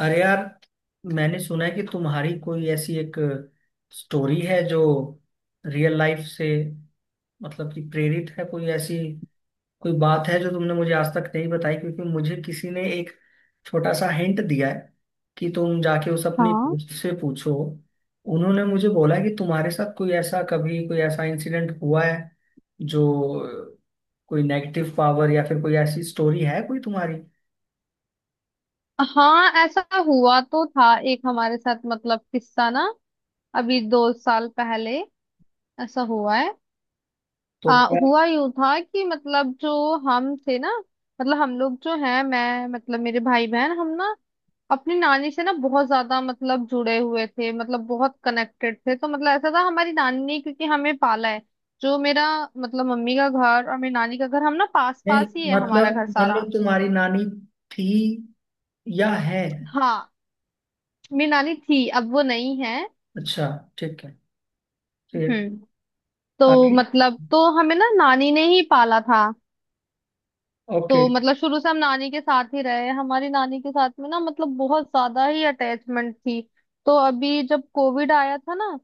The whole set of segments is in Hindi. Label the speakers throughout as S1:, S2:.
S1: अरे यार, मैंने सुना है कि तुम्हारी कोई ऐसी एक स्टोरी है जो रियल लाइफ से मतलब कि प्रेरित है। कोई ऐसी कोई बात है जो तुमने मुझे आज तक नहीं बताई, क्योंकि मुझे किसी ने एक छोटा सा हिंट दिया है कि तुम जाके उस अपनी
S2: हाँ
S1: दोस्त से पूछो। उन्होंने मुझे बोला कि तुम्हारे साथ कोई ऐसा कभी कोई ऐसा इंसिडेंट हुआ है जो कोई नेगेटिव पावर या फिर कोई ऐसी स्टोरी है कोई तुम्हारी।
S2: हाँ, ऐसा हुआ तो था। एक हमारे साथ मतलब किस्सा ना, अभी 2 साल पहले ऐसा हुआ है।
S1: तो क्या?
S2: हुआ यूं था कि मतलब जो हम थे ना, मतलब हम लोग जो हैं, मैं मतलब मेरे भाई बहन हम ना अपनी नानी से ना बहुत ज्यादा मतलब जुड़े हुए थे, मतलब बहुत कनेक्टेड थे। तो मतलब ऐसा था, हमारी नानी ने क्योंकि हमें पाला है। जो मेरा मतलब मम्मी का घर और मेरी नानी का घर, हम ना पास
S1: नहीं,
S2: पास ही है हमारा
S1: मतलब
S2: घर सारा।
S1: मतलब तुम्हारी नानी थी या है?
S2: हाँ, मेरी नानी थी, अब वो नहीं है।
S1: अच्छा, ठीक है, फिर?
S2: हम्म। तो
S1: आगे?
S2: मतलब तो हमें ना नानी ने ही पाला था।
S1: ओके।
S2: तो मतलब शुरू से हम नानी के साथ ही रहे, हमारी नानी के साथ में ना मतलब बहुत ज्यादा ही अटैचमेंट थी। तो अभी जब कोविड आया था ना,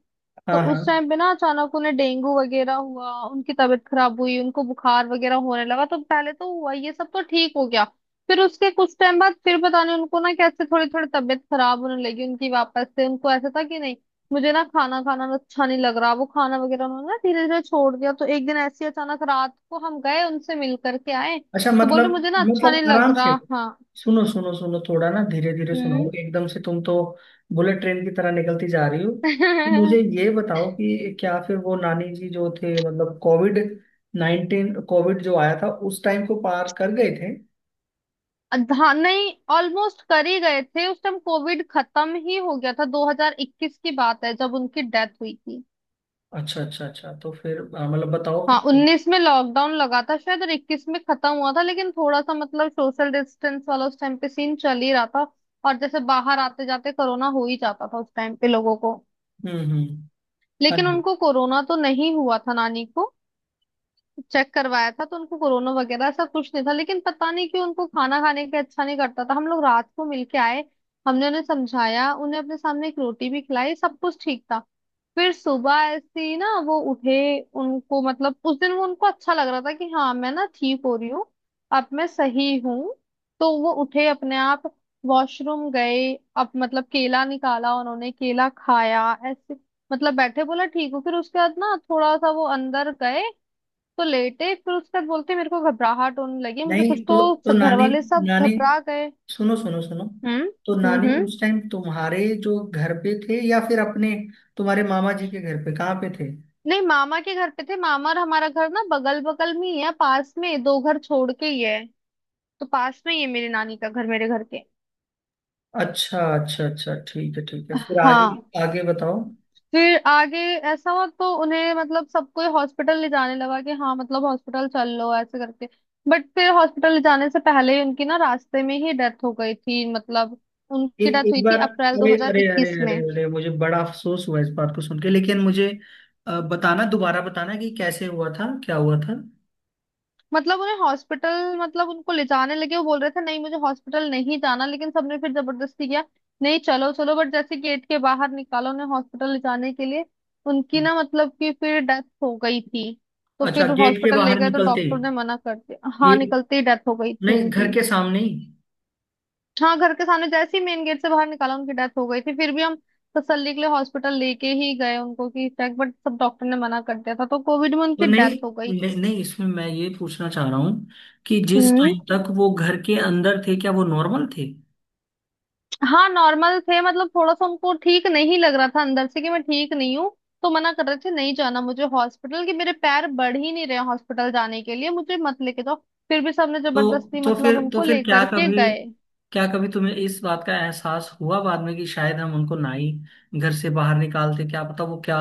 S2: तो
S1: हाँ,
S2: उस
S1: हाँ।
S2: टाइम पे ना अचानक उन्हें डेंगू वगैरह हुआ, उनकी तबीयत खराब हुई, उनको बुखार वगैरह होने लगा। तो पहले तो हुआ ये सब तो ठीक हो गया। फिर उसके कुछ टाइम बाद फिर पता नहीं उनको ना कैसे थोड़ी थोड़ी तबीयत खराब होने लगी उनकी वापस से। उनको ऐसा था कि नहीं, मुझे ना खाना खाना ना अच्छा नहीं लग रहा। वो खाना वगैरह उन्होंने ना धीरे धीरे छोड़ दिया। तो एक दिन ऐसी अचानक रात को हम गए उनसे मिल करके आए,
S1: अच्छा,
S2: तो बोल
S1: मतलब
S2: रहे मुझे ना अच्छा
S1: मतलब
S2: नहीं लग
S1: आराम
S2: रहा।
S1: से
S2: हाँ।
S1: सुनो, सुनो, सुनो। थोड़ा ना धीरे धीरे सुनाओ,
S2: हम्म।
S1: एकदम से तुम तो बुलेट ट्रेन की तरह निकलती जा रही हो। तो मुझे ये बताओ कि क्या फिर वो नानी जी जो थे मतलब COVID-19, कोविड जो आया था उस टाइम को पार कर गए थे?
S2: हाँ नहीं, ऑलमोस्ट कर ही गए थे, उस टाइम कोविड खत्म ही हो गया था। 2021 की बात है जब उनकी डेथ हुई थी।
S1: अच्छा, अच्छा, अच्छा। तो फिर हाँ, मतलब बताओ
S2: हाँ,
S1: फिर।
S2: 19 में लॉकडाउन लगा था शायद और 21 में खत्म हुआ था, लेकिन थोड़ा सा मतलब सोशल डिस्टेंस वाला उस टाइम पे सीन चल ही रहा था। और जैसे बाहर आते जाते कोरोना हो ही जाता था उस टाइम पे लोगों को।
S1: हम्म।
S2: लेकिन
S1: हम्म।
S2: उनको कोरोना तो नहीं हुआ था नानी को। चेक करवाया था तो उनको कोरोना वगैरह ऐसा कुछ नहीं था। लेकिन पता नहीं क्यों उनको खाना खाने का अच्छा नहीं करता था। हम लोग रात को मिलके आए, हमने उन्हें समझाया, उन्हें अपने सामने एक रोटी भी खिलाई, सब कुछ ठीक था। फिर सुबह ऐसे ही ना वो उठे, उनको मतलब उस दिन वो उनको अच्छा लग रहा था कि हाँ मैं ना ठीक हो रही हूँ, अब मैं सही हूँ। तो वो उठे अपने आप, वॉशरूम गए, अब मतलब केला निकाला, उन्होंने केला खाया ऐसे। मतलब बैठे बोला ठीक हो। फिर उसके बाद ना थोड़ा सा वो अंदर गए तो लेटे। फिर उसके बाद बोलते मेरे को घबराहट होने लगी मुझे
S1: नहीं,
S2: कुछ। तो
S1: तो
S2: सब घर
S1: नानी,
S2: वाले सब
S1: नानी,
S2: घबरा गए।
S1: सुनो, सुनो, सुनो,
S2: हम्म।
S1: तो
S2: हम्म।
S1: नानी
S2: हम्म।
S1: उस टाइम तुम्हारे जो घर पे थे या फिर अपने तुम्हारे मामा जी के घर पे कहाँ पे थे?
S2: नहीं, मामा के घर पे थे, मामा और हमारा घर ना बगल बगल में ही है, पास में दो घर छोड़ के ही है। तो पास में ही है मेरी नानी का घर मेरे घर के।
S1: अच्छा, अच्छा, अच्छा, ठीक है, ठीक है, फिर आगे।
S2: हाँ,
S1: आगे बताओ।
S2: फिर आगे ऐसा हुआ तो उन्हें मतलब सब कोई हॉस्पिटल ले जाने लगा कि हाँ मतलब हॉस्पिटल चल लो ऐसे करके। बट फिर हॉस्पिटल ले जाने से पहले ही उनकी ना रास्ते में ही डेथ हो गई थी। मतलब उनकी
S1: एक
S2: डेथ
S1: एक
S2: हुई थी
S1: बार,
S2: अप्रैल
S1: अरे, अरे, अरे,
S2: 2021
S1: अरे,
S2: में।
S1: अरे, मुझे बड़ा अफसोस हुआ इस बात को सुन के। लेकिन मुझे बताना, दोबारा बताना कि कैसे हुआ था, क्या हुआ था।
S2: मतलब उन्हें हॉस्पिटल मतलब उनको ले जाने लगे, वो बोल रहे थे नहीं मुझे हॉस्पिटल नहीं जाना, लेकिन सबने फिर जबरदस्ती किया, नहीं चलो चलो। बट जैसे गेट के बाहर निकाला उन्हें हॉस्पिटल ले जाने के लिए, उनकी ना मतलब कि फिर डेथ हो गई थी। तो
S1: अच्छा,
S2: फिर
S1: गेट के
S2: हॉस्पिटल ले
S1: बाहर
S2: गए तो
S1: निकलते
S2: डॉक्टर
S1: ही?
S2: ने मना कर दिया। हाँ,
S1: गेट?
S2: निकलते ही डेथ हो गई थी
S1: नहीं, घर
S2: उनकी।
S1: के सामने ही?
S2: हाँ, घर के सामने जैसे ही मेन गेट से बाहर निकाला उनकी डेथ हो गई थी। फिर भी हम तसल्ली के लिए हॉस्पिटल लेके ही गए उनको कि चेक, बट सब डॉक्टर ने मना कर दिया था। तो कोविड में
S1: तो
S2: उनकी
S1: नहीं,
S2: डेथ हो गई।
S1: नहीं, नहीं, इसमें मैं ये पूछना चाह रहा हूँ कि जिस
S2: हम्म।
S1: टाइम तक वो घर के अंदर थे क्या वो नॉर्मल थे?
S2: हाँ नॉर्मल थे, मतलब थोड़ा सा उनको ठीक नहीं लग रहा था अंदर से कि मैं ठीक नहीं हूँ। तो मना कर रहे थे नहीं जाना मुझे हॉस्पिटल, कि मेरे पैर बढ़ ही नहीं रहे हॉस्पिटल जाने के लिए, मुझे मत लेके जाओ। फिर भी सबने
S1: तो
S2: जबरदस्ती
S1: तो
S2: मतलब
S1: फिर, तो
S2: उनको
S1: फिर क्या
S2: लेकर के
S1: कभी
S2: गए।
S1: क्या कभी तुम्हें इस बात का एहसास हुआ बाद में कि शायद हम उनको ना ही घर से बाहर निकालते, क्या पता वो क्या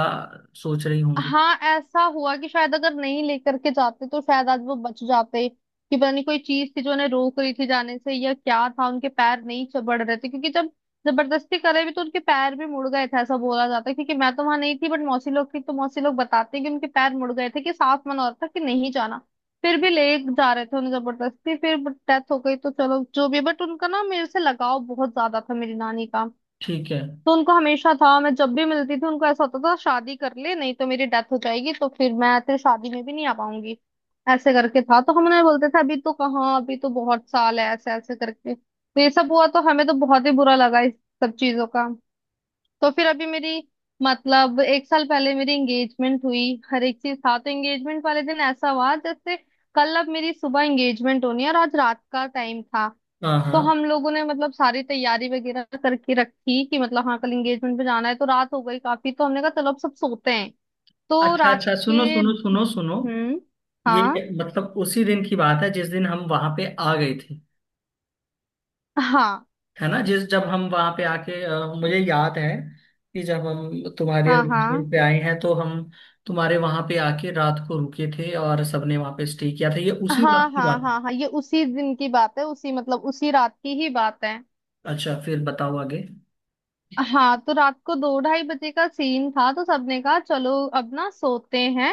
S1: सोच रही होंगी?
S2: हाँ, ऐसा हुआ कि शायद अगर नहीं लेकर के जाते तो शायद आज वो बच जाते। कि पता नहीं कोई चीज थी जो उन्हें रोक रही थी जाने से, या क्या था उनके पैर नहीं चबड़ रहे थे। क्योंकि जब जबरदस्ती करे भी तो उनके पैर भी मुड़ गए थे, ऐसा बोला जाता है, क्योंकि मैं तो वहां नहीं थी, बट मौसी लोग थी तो मौसी लोग बताते हैं कि उनके पैर मुड़ गए थे, कि साफ मना हो रहा था कि नहीं जाना। फिर भी ले जा रहे थे उन्हें जबरदस्ती, फिर डेथ हो गई। तो चलो जो भी, बट उनका ना मेरे से लगाव बहुत ज्यादा था, मेरी नानी का।
S1: ठीक है।
S2: तो उनको हमेशा था, मैं जब भी मिलती थी उनको ऐसा होता था, शादी कर ले नहीं तो मेरी डेथ हो जाएगी, तो फिर मैं तेरी शादी में भी नहीं आ पाऊंगी, ऐसे करके था। तो हम उन्हें बोलते थे अभी तो कहाँ, अभी तो बहुत साल है, ऐसे ऐसे करके। तो ये सब हुआ तो हमें तो बहुत ही बुरा लगा इस सब चीजों का। तो फिर अभी मेरी मतलब एक साल पहले मेरी एंगेजमेंट हुई, हर एक चीज था। तो एंगेजमेंट वाले दिन ऐसा हुआ, जैसे कल अब मेरी सुबह एंगेजमेंट होनी है और आज रात का टाइम था।
S1: हाँ,
S2: तो
S1: हाँ।
S2: हम लोगों ने मतलब सारी तैयारी वगैरह करके रखी कि मतलब हाँ कल एंगेजमेंट पे जाना है। तो रात हो गई काफी तो हमने कहा चलो अब सब सोते हैं। तो
S1: अच्छा,
S2: रात
S1: अच्छा, सुनो,
S2: के।
S1: सुनो, सुनो, सुनो,
S2: हम्म। हाँ
S1: ये मतलब उसी दिन की बात है जिस दिन हम वहां पे आ गए थे?
S2: हाँ
S1: है ना? जिस जब हम वहां पे आके मुझे याद है कि जब हम तुम्हारे
S2: हाँ हाँ
S1: एंगेजमेंट पे आए हैं तो हम तुम्हारे वहां पे आके रात को रुके थे और सबने वहां पे स्टे किया था, ये उसी रात
S2: हाँ
S1: की
S2: हाँ
S1: बात है?
S2: हाँ हाँ, ये उसी दिन की बात है, उसी मतलब उसी रात की ही बात है।
S1: अच्छा, फिर बताओ आगे।
S2: हाँ, तो रात को दो ढाई बजे का सीन था, तो सबने कहा चलो अब ना सोते हैं।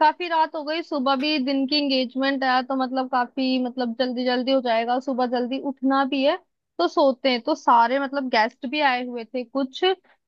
S2: काफी रात हो गई, सुबह भी दिन की एंगेजमेंट है, तो मतलब काफी मतलब जल्दी जल्दी हो जाएगा, सुबह जल्दी उठना भी है। तो सोते हैं। तो सारे मतलब गेस्ट भी आए हुए थे कुछ।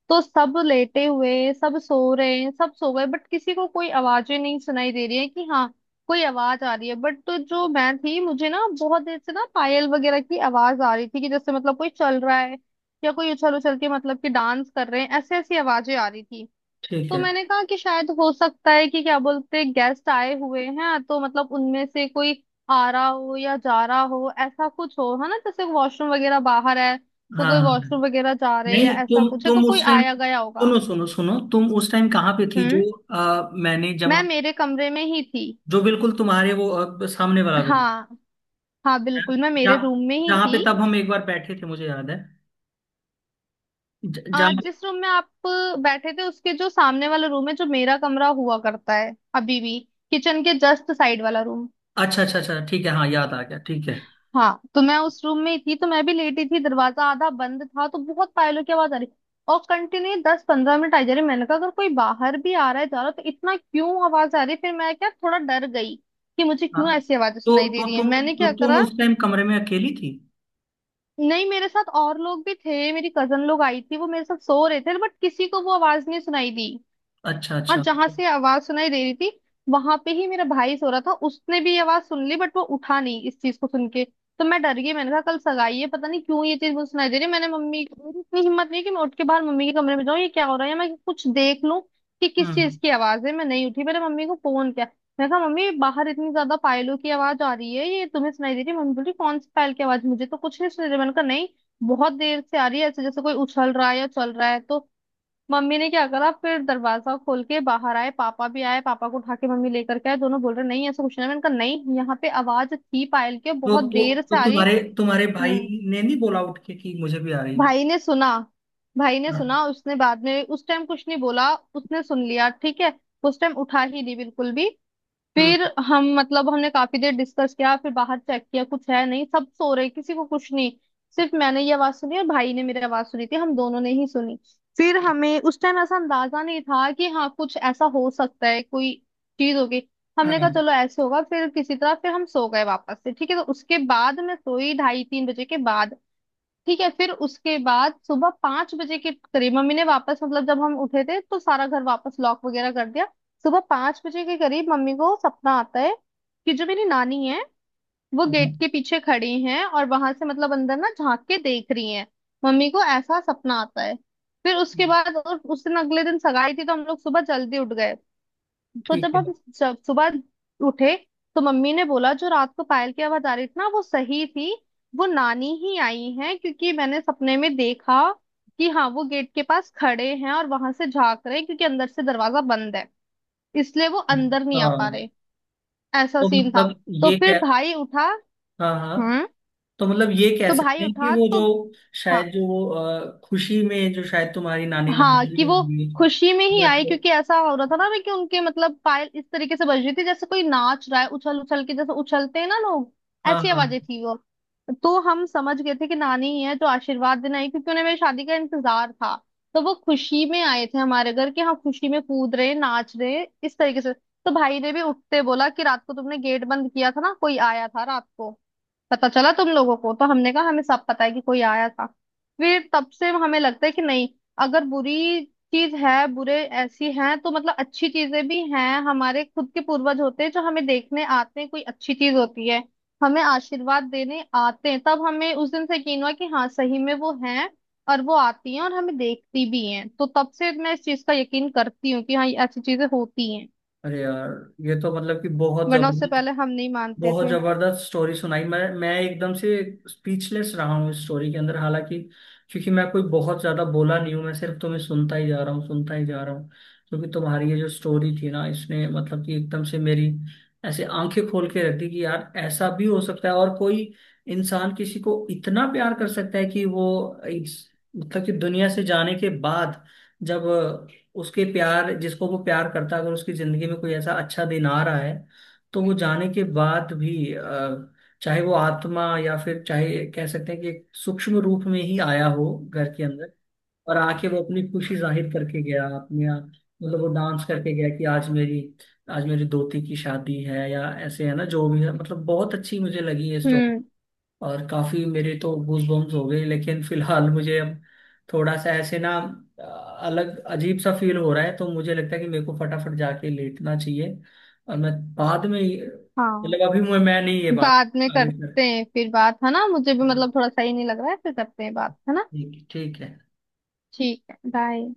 S2: तो सब लेटे हुए सब सो रहे हैं, सब सो गए, बट किसी को कोई आवाजें नहीं सुनाई दे रही है कि हाँ कोई आवाज आ रही है। बट तो जो मैं थी, मुझे ना बहुत देर से ना पायल वगैरह की आवाज आ रही थी कि जैसे मतलब कोई चल रहा है, या कोई उछल उछल के मतलब कि डांस कर रहे हैं, ऐसे ऐसी आवाजें आ रही थी।
S1: ठीक
S2: तो
S1: है।
S2: मैंने कहा कि शायद हो सकता है कि क्या बोलते गेस्ट आए हुए हैं तो मतलब उनमें से कोई आ रहा हो या जा रहा हो ऐसा कुछ हो, है ना, जैसे वॉशरूम वगैरह बाहर है।
S1: हाँ,
S2: तो
S1: हाँ,
S2: कोई
S1: हाँ।
S2: वॉशरूम वगैरह जा रहे हैं या
S1: नहीं,
S2: ऐसा
S1: तुम
S2: कुछ है, तो
S1: तुम
S2: कोई
S1: उस टाइम,
S2: आया गया होगा।
S1: सुनो, सुनो, सुनो, तुम उस टाइम कहाँ पे थी?
S2: हम्म।
S1: जो मैंने जब
S2: मैं
S1: हम
S2: मेरे कमरे में ही थी।
S1: जो बिल्कुल तुम्हारे वो सामने वाला रूम
S2: हाँ हाँ,
S1: है,
S2: बिल्कुल मैं मेरे
S1: जहाँ
S2: रूम में ही
S1: जहाँ पे
S2: थी।
S1: तब हम एक बार बैठे थे, मुझे याद है। ज- जहाँ
S2: आज जिस रूम में आप बैठे थे उसके जो सामने वाला रूम है, जो मेरा कमरा हुआ करता है अभी भी, किचन के जस्ट साइड वाला रूम।
S1: अच्छा, अच्छा, अच्छा, ठीक है, हाँ याद आ गया, ठीक है।
S2: हाँ, तो मैं उस रूम में ही थी, तो मैं भी लेटी थी, दरवाजा आधा बंद था, तो बहुत पायलों की आवाज आ रही और कंटिन्यू 10-15 मिनट आई जा रही। मैंने कहा अगर कोई बाहर भी आ रहा है जा रहा है तो इतना क्यों आवाज आ रही है? फिर मैं क्या, थोड़ा डर गई कि मुझे
S1: हाँ।
S2: क्यों ऐसी आवाजें
S1: तो
S2: सुनाई दे
S1: तो
S2: रही है।
S1: तुम
S2: मैंने
S1: तो
S2: क्या
S1: तुम
S2: करा,
S1: उस टाइम कमरे में अकेली थी?
S2: नहीं मेरे साथ और लोग भी थे, मेरी कजन लोग आई थी वो मेरे साथ सो रहे थे, बट किसी को वो आवाज नहीं सुनाई दी।
S1: अच्छा,
S2: और
S1: अच्छा।
S2: जहां से आवाज सुनाई दे रही थी वहां पे ही मेरा भाई सो रहा था, उसने भी आवाज सुन ली बट वो उठा नहीं इस चीज को सुन के। तो मैं डर गई, मैंने कहा कल सगाई है, पता नहीं क्यों ये चीज मुझे सुनाई दे रही है। मैंने मम्मी, मेरी इतनी हिम्मत नहीं कि मैं उठ के बाहर मम्मी के कमरे में जाऊं, ये क्या हो रहा है, या मैं कुछ देख लूं कि किस चीज
S1: हम्म।
S2: की आवाज है। मैं नहीं उठी, मैंने मम्मी को फोन किया। मैं कहा मम्मी, बाहर इतनी ज्यादा पायलों की आवाज आ रही है, ये तुम्हें सुनाई दे रही है। मम्मी बोली कौन सी पायल की आवाज, मुझे तो कुछ नहीं सुनाई दे रही। मैंने कहा नहीं, बहुत देर से आ रही है, ऐसे जैसे कोई उछल रहा है या चल रहा है। तो मम्मी ने क्या करा फिर, दरवाजा खोल के बाहर आए, पापा भी आए पापा को उठा के मम्मी लेकर के आए, दोनों बोल रहे नहीं ऐसा कुछ नहीं है। मैंने कहा नहीं, यहाँ पे आवाज थी पायल की और
S1: तो
S2: बहुत
S1: तो
S2: देर
S1: तो
S2: से आ रही है।
S1: तुम्हारे तुम्हारे भाई
S2: हम्म।
S1: ने नहीं बोला उठ के कि मुझे भी आ रही है?
S2: भाई ने सुना, भाई ने
S1: हाँ।
S2: सुना, उसने बाद में, उस टाइम कुछ नहीं बोला, उसने सुन लिया ठीक है। उस टाइम उठा ही नहीं बिल्कुल भी।
S1: हम्म।
S2: फिर हम मतलब हमने काफी देर डिस्कस किया, फिर बाहर चेक किया, कुछ है नहीं, सब सो रहे, किसी को कुछ नहीं। सिर्फ मैंने ये आवाज सुनी और भाई ने मेरी आवाज सुनी थी, हम दोनों ने ही सुनी। फिर हमें उस टाइम ऐसा अंदाजा नहीं था कि हाँ कुछ ऐसा हो सकता है कोई चीज होगी। हमने कहा
S1: हाँ,
S2: चलो ऐसे होगा, फिर किसी तरह फिर हम सो गए वापस से, ठीक है। तो उसके बाद मैं सोई ढाई तीन बजे के बाद, ठीक है। फिर उसके बाद सुबह 5 बजे के करीब मम्मी ने, वापस मतलब जब हम उठे थे तो सारा घर वापस लॉक वगैरह कर दिया। सुबह 5 बजे के करीब मम्मी को सपना आता है कि जो मेरी नानी है वो
S1: हाँ,
S2: गेट के पीछे खड़ी हैं और वहां से मतलब अंदर ना झांक के देख रही हैं, मम्मी को ऐसा सपना आता है। फिर उसके बाद और उस दिन अगले दिन सगाई थी तो हम लोग सुबह जल्दी उठ गए। तो
S1: ठीक
S2: जब
S1: है।
S2: हम, जब सुबह उठे तो मम्मी ने बोला जो रात को पायल की आवाज आ रही थी ना, वो सही थी, वो नानी ही आई हैं, क्योंकि मैंने सपने में देखा कि हाँ वो गेट के पास खड़े हैं और वहां से झांक रहे हैं, क्योंकि अंदर से दरवाजा बंद है इसलिए वो अंदर नहीं
S1: अच्छा,
S2: आ पा रहे। ऐसा
S1: तो
S2: सीन था।
S1: मतलब
S2: तो
S1: ये
S2: फिर
S1: कह
S2: भाई उठा।
S1: हाँ, हाँ,
S2: हम्म।
S1: तो मतलब ये कह
S2: तो भाई
S1: सकते हैं कि
S2: उठा
S1: वो
S2: तो,
S1: जो
S2: हाँ
S1: शायद जो खुशी में जो शायद तुम्हारी नानी नाम
S2: हाँ,
S1: चली
S2: कि वो
S1: होंगी,
S2: खुशी में ही
S1: या
S2: आई
S1: तो-
S2: क्योंकि ऐसा हो रहा था ना कि उनके मतलब पायल इस तरीके से बज रही थी जैसे कोई नाच रहा है उछल उछल के, जैसे उछलते हैं ना लोग,
S1: हाँ,
S2: ऐसी
S1: हाँ।
S2: आवाजें थी वो। तो हम समझ गए थे कि नानी ही है जो आशीर्वाद देने आई, क्योंकि उन्हें मेरी शादी का इंतजार था। तो वो खुशी में आए थे हमारे घर कि हाँ खुशी में कूद रहे नाच रहे इस तरीके से। तो भाई ने भी उठते बोला कि रात को तुमने गेट बंद किया था ना, कोई आया था रात को पता चला तुम लोगों को। तो हमने कहा हमें सब पता है कि कोई आया था। फिर तब से हमें लगता है कि नहीं, अगर बुरी चीज है, बुरे ऐसी हैं, तो मतलब अच्छी चीजें भी हैं, हमारे खुद के पूर्वज होते हैं जो हमें देखने आते हैं, कोई अच्छी चीज होती है हमें आशीर्वाद देने आते हैं। तब हमें उस दिन से यकीन हुआ कि हाँ सही में वो हैं और वो आती हैं और हमें देखती भी हैं। तो तब से मैं इस चीज का यकीन करती हूँ कि हाँ ये ऐसी चीजें होती हैं,
S1: अरे यार, ये तो मतलब कि बहुत
S2: वरना उससे
S1: जबरदस्त,
S2: पहले हम नहीं मानते
S1: बहुत
S2: थे।
S1: जबरदस्त स्टोरी सुनाई। मैं एकदम से स्पीचलेस रहा हूँ इस स्टोरी के अंदर। हालांकि, क्योंकि मैं कोई बहुत ज्यादा बोला नहीं हूँ, मैं सिर्फ तुम्हें सुनता ही जा रहा हूँ, सुनता ही जा रहा हूँ, क्योंकि तुम्हारी ये जो स्टोरी थी ना इसने मतलब कि एकदम से मेरी ऐसे आंखें खोल के रख दी कि यार ऐसा भी हो सकता है। और कोई इंसान किसी को इतना प्यार कर सकता है कि वो इस- मतलब कि दुनिया से जाने के बाद, जब उसके प्यार जिसको वो प्यार करता है अगर उसकी जिंदगी में कोई ऐसा अच्छा दिन आ रहा है तो वो जाने के बाद भी, चाहे वो आत्मा या फिर चाहे कह सकते हैं कि एक सूक्ष्म रूप में ही आया हो घर के अंदर, और आके वो अपनी खुशी जाहिर करके गया अपने आप। मतलब वो डांस करके गया कि आज मेरी दोती की शादी है या ऐसे, है ना, जो भी है, मतलब बहुत अच्छी मुझे लगी ये स्टोरी।
S2: हम्म।
S1: और काफी मेरे तो गूज बम्स हो गए, लेकिन फिलहाल मुझे अब थोड़ा सा ऐसे ना अ, अलग अजीब सा फील हो रहा है तो मुझे लगता है कि मेरे को फटाफट जाके लेटना चाहिए। और मैं बाद में,
S2: हाँ,
S1: मतलब अभी मैं नहीं ये बात
S2: बाद में
S1: आगे कर।
S2: करते हैं फिर बात, है ना। मुझे भी
S1: हाँ,
S2: मतलब थोड़ा सही नहीं लग रहा है, फिर करते हैं बात, है ना।
S1: ठीक, ठीक है।
S2: ठीक है, बाय।